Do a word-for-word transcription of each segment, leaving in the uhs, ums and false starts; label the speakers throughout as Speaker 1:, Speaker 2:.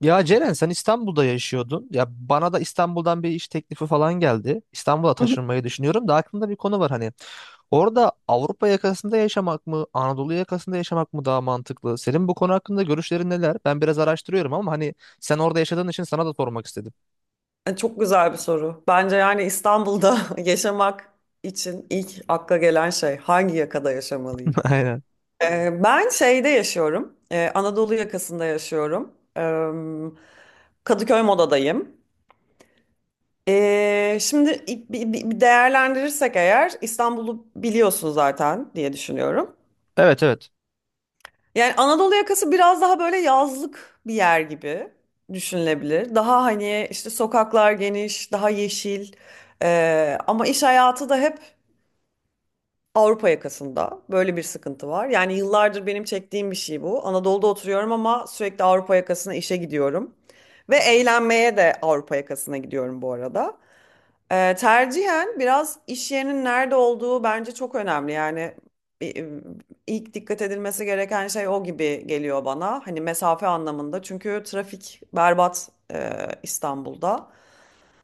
Speaker 1: Ya Ceren sen İstanbul'da yaşıyordun. Ya bana da İstanbul'dan bir iş teklifi falan geldi. İstanbul'a taşınmayı düşünüyorum da aklımda bir konu var hani. Orada Avrupa yakasında yaşamak mı, Anadolu yakasında yaşamak mı daha mantıklı? Senin bu konu hakkında görüşlerin neler? Ben biraz araştırıyorum ama hani sen orada yaşadığın için sana da sormak istedim.
Speaker 2: E, Çok güzel bir soru. Bence yani İstanbul'da yaşamak için ilk akla gelen şey hangi yakada yaşamalıyım?
Speaker 1: Aynen.
Speaker 2: E, ben şeyde yaşıyorum. E, Anadolu yakasında yaşıyorum. E, Kadıköy Moda'dayım. E, şimdi i- bi- bi- değerlendirirsek eğer İstanbul'u biliyorsun zaten diye düşünüyorum.
Speaker 1: Evet, evet.
Speaker 2: Yani Anadolu yakası biraz daha böyle yazlık bir yer gibi düşünülebilir. Daha hani işte sokaklar geniş, daha yeşil. Ee, ama iş hayatı da hep Avrupa yakasında. Böyle bir sıkıntı var. Yani yıllardır benim çektiğim bir şey bu. Anadolu'da oturuyorum ama sürekli Avrupa yakasına işe gidiyorum. Ve eğlenmeye de Avrupa yakasına gidiyorum bu arada. Ee, tercihen biraz iş yerinin nerede olduğu bence çok önemli. Yani e, ilk dikkat edilmesi gereken şey o gibi geliyor bana. Hani mesafe anlamında. Çünkü trafik berbat e, İstanbul'da.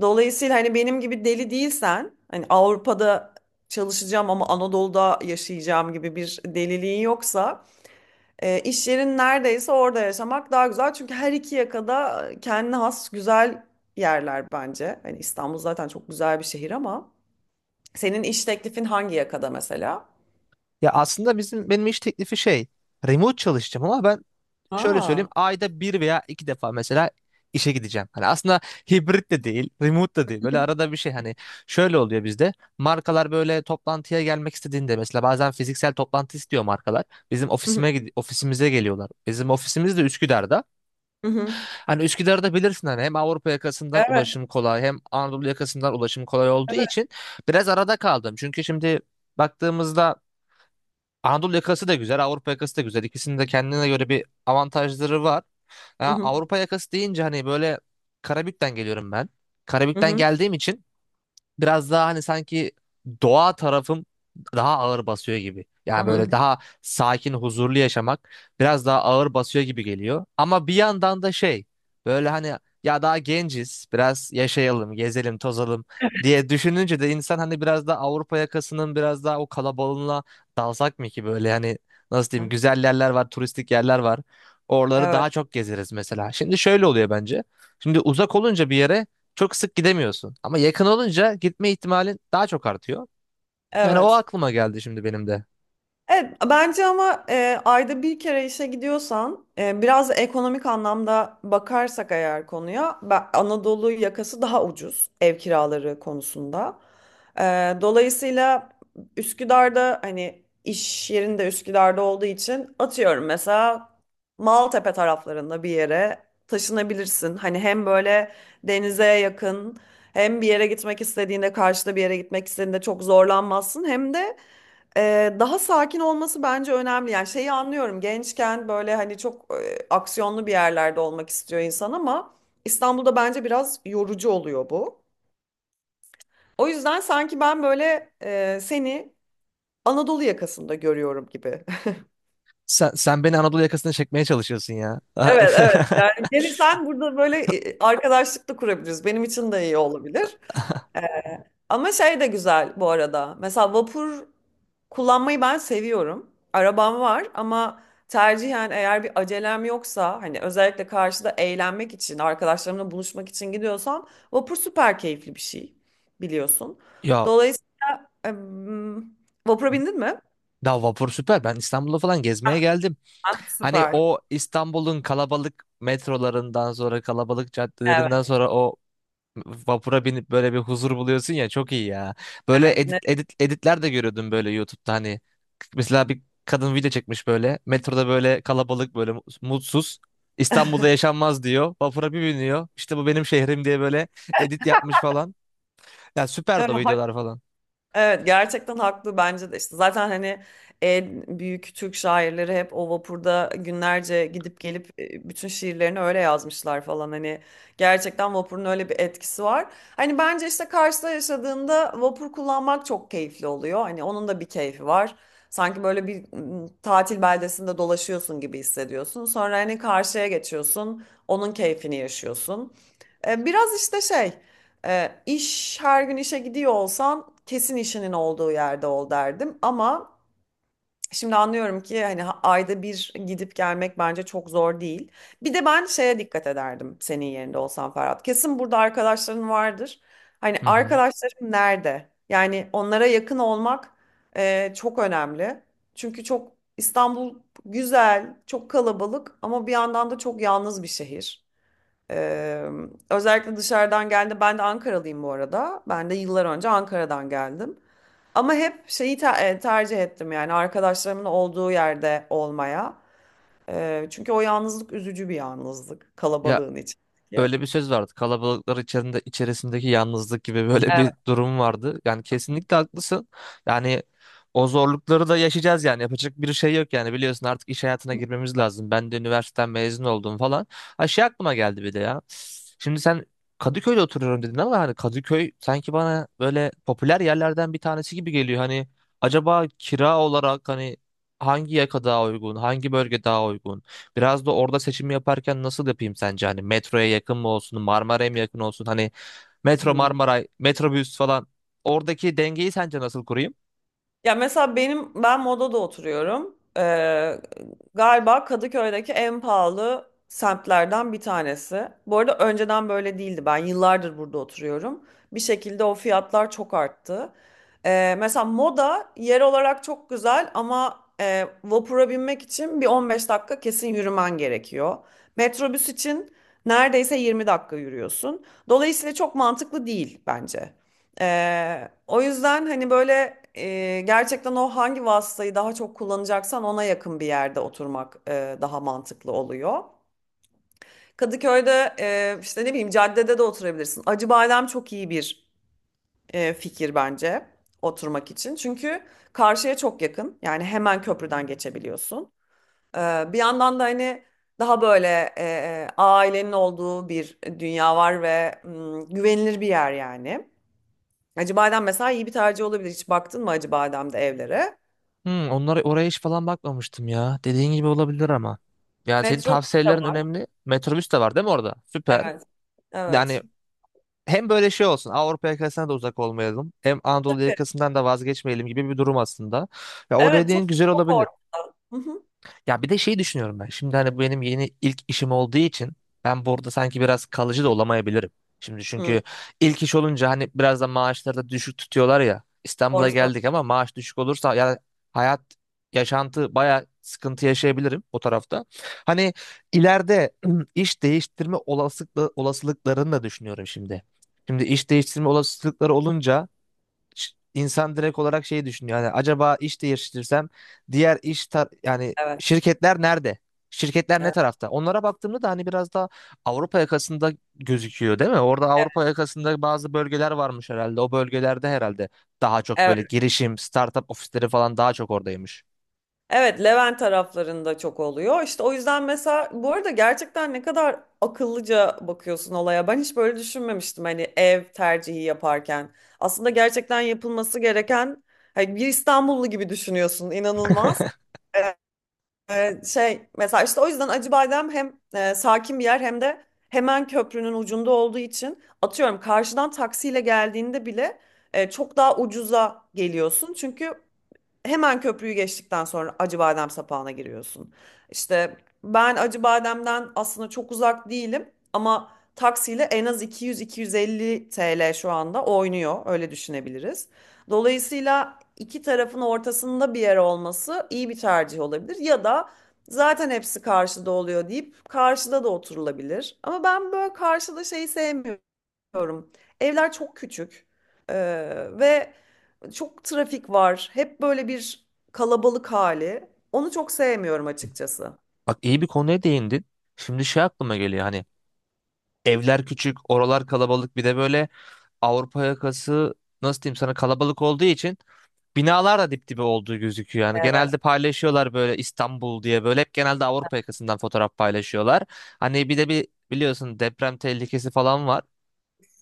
Speaker 2: Dolayısıyla hani benim gibi deli değilsen, hani Avrupa'da çalışacağım ama Anadolu'da yaşayacağım gibi bir deliliğin yoksa, e, iş yerin neredeyse orada yaşamak daha güzel. Çünkü her iki yakada kendine has güzel yerler bence. Hani İstanbul zaten çok güzel bir şehir ama. Senin iş teklifin hangi yakada mesela?
Speaker 1: Ya aslında bizim benim iş teklifi şey, remote çalışacağım ama ben şöyle söyleyeyim
Speaker 2: Aa,
Speaker 1: ayda bir veya iki defa mesela işe gideceğim. Hani aslında hibrit de değil, remote da değil. Böyle
Speaker 2: hı
Speaker 1: arada bir şey hani şöyle oluyor bizde. Markalar böyle toplantıya gelmek istediğinde mesela bazen fiziksel toplantı istiyor markalar. Bizim
Speaker 2: hı.
Speaker 1: ofisime gid- ofisimize geliyorlar. Bizim ofisimiz de Üsküdar'da.
Speaker 2: Hı hı.
Speaker 1: Hani Üsküdar'da bilirsin hani hem Avrupa yakasından
Speaker 2: Evet,
Speaker 1: ulaşım kolay hem Anadolu yakasından ulaşım kolay olduğu
Speaker 2: evet.
Speaker 1: için biraz arada kaldım. Çünkü şimdi baktığımızda Anadolu yakası da güzel, Avrupa yakası da güzel. İkisinin de kendine göre bir avantajları var.
Speaker 2: Hı
Speaker 1: Ya
Speaker 2: hı.
Speaker 1: Avrupa yakası deyince hani böyle Karabük'ten geliyorum ben.
Speaker 2: Hı
Speaker 1: Karabük'ten
Speaker 2: hı.
Speaker 1: geldiğim için biraz daha hani sanki doğa tarafım daha ağır basıyor gibi.
Speaker 2: Hı
Speaker 1: Yani böyle
Speaker 2: hı.
Speaker 1: daha sakin, huzurlu yaşamak biraz daha ağır basıyor gibi geliyor. Ama bir yandan da şey böyle hani ya daha genciz, biraz yaşayalım, gezelim, tozalım diye düşününce de insan hani biraz da Avrupa yakasının biraz daha o kalabalığına dalsak mı ki böyle hani nasıl diyeyim güzel yerler var, turistik yerler var. Oraları
Speaker 2: Evet,
Speaker 1: daha çok gezeriz mesela. Şimdi şöyle oluyor bence. Şimdi uzak olunca bir yere çok sık gidemiyorsun. Ama yakın olunca gitme ihtimalin daha çok artıyor. Yani o
Speaker 2: evet.
Speaker 1: aklıma geldi şimdi benim de.
Speaker 2: Evet, bence ama e, ayda bir kere işe gidiyorsan e, biraz da ekonomik anlamda bakarsak eğer konuya ben- Anadolu yakası daha ucuz ev kiraları konusunda. E, Dolayısıyla Üsküdar'da hani iş yerinde Üsküdar'da olduğu için atıyorum mesela Maltepe taraflarında bir yere taşınabilirsin. Hani hem böyle denize yakın hem bir yere gitmek istediğinde karşıda bir yere gitmek istediğinde çok zorlanmazsın hem de ee, daha sakin olması bence önemli. Yani şeyi anlıyorum. Gençken böyle hani çok e, aksiyonlu bir yerlerde olmak istiyor insan ama İstanbul'da bence biraz yorucu oluyor bu. O yüzden sanki ben böyle e, seni Anadolu yakasında görüyorum gibi.
Speaker 1: Sen, sen beni Anadolu yakasına çekmeye çalışıyorsun ya.
Speaker 2: Evet, evet. Yani gelirsen burada böyle e, arkadaşlık da kurabiliriz. Benim için de iyi olabilir. Ama şey de güzel bu arada. Mesela vapur kullanmayı ben seviyorum. Arabam var ama tercihen eğer bir acelem yoksa hani özellikle karşıda eğlenmek için, arkadaşlarımla buluşmak için gidiyorsam vapur süper keyifli bir şey biliyorsun.
Speaker 1: Ya
Speaker 2: Dolayısıyla em, vapura bindin mi?
Speaker 1: daha vapur süper. Ben İstanbul'a falan gezmeye geldim.
Speaker 2: Ha,
Speaker 1: Hani
Speaker 2: süper.
Speaker 1: o İstanbul'un kalabalık metrolarından sonra kalabalık caddelerinden
Speaker 2: Evet,
Speaker 1: sonra o vapura binip böyle bir huzur buluyorsun ya çok iyi ya. Böyle
Speaker 2: evet. Ne?
Speaker 1: edit, edit editler de görüyordum böyle YouTube'da hani mesela bir kadın video çekmiş böyle. Metroda böyle kalabalık böyle mutsuz. İstanbul'da yaşanmaz diyor. Vapura bir biniyor. İşte bu benim şehrim diye böyle edit yapmış falan. Ya süperdi o
Speaker 2: Evet,
Speaker 1: videolar falan.
Speaker 2: evet gerçekten haklı bence de işte zaten hani en büyük Türk şairleri hep o vapurda günlerce gidip gelip e, bütün şiirlerini öyle yazmışlar falan hani gerçekten vapurun öyle bir etkisi var. Hani bence işte Kars'ta yaşadığında vapur kullanmak çok keyifli oluyor hani onun da bir keyfi var. Sanki böyle bir m, tatil beldesinde dolaşıyorsun gibi hissediyorsun. Sonra hani karşıya geçiyorsun, onun keyfini yaşıyorsun. E, Biraz işte şey. E, iş her gün işe gidiyor olsan kesin işinin olduğu yerde ol derdim ama şimdi anlıyorum ki hani ha- ayda bir gidip gelmek bence çok zor değil. Bir de ben şeye dikkat ederdim senin yerinde olsam Ferhat. Kesin burada arkadaşların vardır. Hani
Speaker 1: Hı hı.
Speaker 2: arkadaşlarım nerede? Yani onlara yakın olmak e, çok önemli. Çünkü çok İstanbul güzel, çok kalabalık ama bir yandan da çok yalnız bir şehir. Ee, Özellikle dışarıdan geldi. Ben de Ankaralıyım bu arada. Ben de yıllar önce Ankara'dan geldim. Ama hep şeyi te- e, tercih ettim yani arkadaşlarımın olduğu yerde olmaya. Ee, çünkü o yalnızlık üzücü bir yalnızlık
Speaker 1: Ya
Speaker 2: kalabalığın içindeki.
Speaker 1: öyle bir söz vardı. Kalabalıklar içerisinde, içerisindeki yalnızlık gibi böyle
Speaker 2: Evet.
Speaker 1: bir durum vardı. Yani kesinlikle haklısın. Yani o zorlukları da yaşayacağız yani. Yapacak bir şey yok yani. Biliyorsun artık iş hayatına girmemiz lazım. Ben de üniversiteden mezun oldum falan. Ha şey aklıma geldi bir de ya. Şimdi sen Kadıköy'de oturuyorum dedin ama hani Kadıköy sanki bana böyle popüler yerlerden bir tanesi gibi geliyor. Hani acaba kira olarak hani hangi yaka daha uygun, hangi bölge daha uygun? Biraz da orada seçim yaparken nasıl yapayım sence? Hani metroya yakın mı olsun, Marmara'ya mı yakın olsun? Hani metro
Speaker 2: Hmm.
Speaker 1: Marmaray, metrobüs falan. Oradaki dengeyi sence nasıl kurayım?
Speaker 2: Ya mesela benim ben Moda'da oturuyorum. Ee, galiba Kadıköy'deki en pahalı semtlerden bir tanesi. Bu arada önceden böyle değildi. Ben yıllardır burada oturuyorum. Bir şekilde o fiyatlar çok arttı. Ee, mesela Moda yer olarak çok güzel ama e, vapura binmek için bir on beş dakika kesin yürümen gerekiyor. Metrobüs için neredeyse yirmi dakika yürüyorsun. Dolayısıyla çok mantıklı değil bence. Ee, o yüzden hani böyle e, gerçekten o hangi vasıtayı daha çok kullanacaksan ona yakın bir yerde oturmak e, daha mantıklı oluyor. Kadıköy'de e, işte ne bileyim caddede de oturabilirsin. Acıbadem çok iyi bir e, fikir bence oturmak için. Çünkü karşıya çok yakın. Yani hemen köprüden geçebiliyorsun. Ee, bir yandan da hani daha böyle e, ailenin olduğu bir dünya var ve mm, güvenilir bir yer yani. Hacı Badem mesela iyi bir tercih olabilir. Hiç baktın mı Hacı Badem'de evlere?
Speaker 1: Hmm, onlara oraya hiç falan bakmamıştım ya. Dediğin gibi olabilir ama. Yani senin
Speaker 2: Metro de
Speaker 1: tavsiyelerin
Speaker 2: var.
Speaker 1: önemli. Metrobüs de var değil mi orada? Süper.
Speaker 2: Evet.
Speaker 1: Yani
Speaker 2: Evet.
Speaker 1: hem böyle şey olsun. Avrupa yakasına da uzak olmayalım. Hem Anadolu yakasından da vazgeçmeyelim gibi bir durum aslında. Ya o
Speaker 2: Evet çok
Speaker 1: dediğin güzel
Speaker 2: çok
Speaker 1: olabilir.
Speaker 2: ortada. Hı hı.
Speaker 1: Ya bir de şey düşünüyorum ben. Şimdi hani bu benim yeni ilk işim olduğu için ben burada sanki biraz kalıcı da olamayabilirim. Şimdi
Speaker 2: Hı,
Speaker 1: çünkü ilk iş olunca hani biraz da maaşları da düşük tutuyorlar ya. İstanbul'a
Speaker 2: doğru söylüyorsun.
Speaker 1: geldik ama maaş düşük olursa ya hayat yaşantı bayağı sıkıntı yaşayabilirim o tarafta. Hani ileride iş değiştirme olasılıkla, olasılıklarını da düşünüyorum şimdi. Şimdi iş değiştirme olasılıkları olunca ş- insan direkt olarak şey düşünüyor. Yani acaba iş değiştirirsem diğer iş tar yani
Speaker 2: Evet.
Speaker 1: şirketler nerede? Şirketler ne
Speaker 2: Evet.
Speaker 1: tarafta? Onlara baktığımda da hani biraz daha Avrupa yakasında gözüküyor değil mi? Orada Avrupa yakasında bazı bölgeler varmış herhalde. O bölgelerde herhalde daha çok
Speaker 2: Evet.
Speaker 1: böyle girişim, startup ofisleri falan daha çok oradaymış.
Speaker 2: Evet, Levent taraflarında çok oluyor. İşte o yüzden mesela bu arada gerçekten ne kadar akıllıca bakıyorsun olaya. Ben hiç böyle düşünmemiştim hani ev tercihi yaparken. Aslında gerçekten yapılması gereken hani bir İstanbullu gibi düşünüyorsun. İnanılmaz. Ee, Ee, şey mesela işte o yüzden Acı Badem hem e, sakin bir yer hem de hemen köprünün ucunda olduğu için atıyorum karşıdan taksiyle geldiğinde bile e, çok daha ucuza geliyorsun. Çünkü hemen köprüyü geçtikten sonra Acıbadem sapağına giriyorsun. İşte ben Acıbadem'den aslında çok uzak değilim ama taksiyle en az iki yüz iki yüz elli T L şu anda oynuyor. Öyle düşünebiliriz. Dolayısıyla iki tarafın ortasında bir yer olması iyi bir tercih olabilir. Ya da zaten hepsi karşıda oluyor deyip karşıda da oturulabilir. Ama ben böyle karşıda şeyi sevmiyorum. Diyorum. Evler çok küçük Ee, ve çok trafik var. Hep böyle bir kalabalık hali. Onu çok sevmiyorum açıkçası.
Speaker 1: Bak iyi bir konuya değindin. Şimdi şey aklıma geliyor hani evler küçük, oralar kalabalık bir de böyle Avrupa yakası nasıl diyeyim sana kalabalık olduğu için binalar da dip dibe olduğu gözüküyor. Yani
Speaker 2: Evet.
Speaker 1: genelde paylaşıyorlar böyle İstanbul diye böyle hep genelde Avrupa yakasından fotoğraf paylaşıyorlar. Hani bir de bir biliyorsun deprem tehlikesi falan var.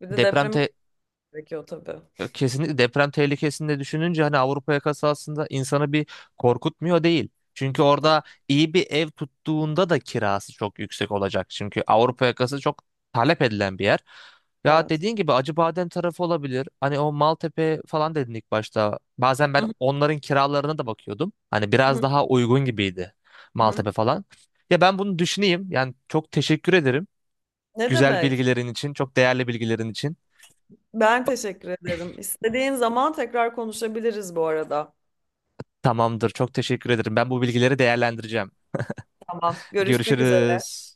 Speaker 2: Bir de
Speaker 1: Deprem
Speaker 2: depremi
Speaker 1: te-
Speaker 2: konuşmak gerekiyor tabii.
Speaker 1: Ya kesinlikle deprem tehlikesini de düşününce hani Avrupa yakası aslında insanı bir korkutmuyor değil. Çünkü orada iyi bir ev tuttuğunda da kirası çok yüksek olacak. Çünkü Avrupa yakası çok talep edilen bir yer. Ya
Speaker 2: Evet.
Speaker 1: dediğin gibi Acıbadem tarafı olabilir. Hani o Maltepe falan dedin ilk başta. Bazen ben
Speaker 2: Hı
Speaker 1: onların kiralarına da bakıyordum. Hani biraz
Speaker 2: hı,
Speaker 1: daha uygun gibiydi
Speaker 2: hı hı.
Speaker 1: Maltepe falan. Ya ben bunu düşüneyim. Yani çok teşekkür ederim.
Speaker 2: Ne
Speaker 1: Güzel
Speaker 2: demek?
Speaker 1: bilgilerin için, çok değerli bilgilerin için.
Speaker 2: Ben teşekkür ederim. İstediğin zaman tekrar konuşabiliriz bu arada.
Speaker 1: Tamamdır. Çok teşekkür ederim. Ben bu bilgileri değerlendireceğim.
Speaker 2: Tamam. Görüşmek üzere.
Speaker 1: Görüşürüz.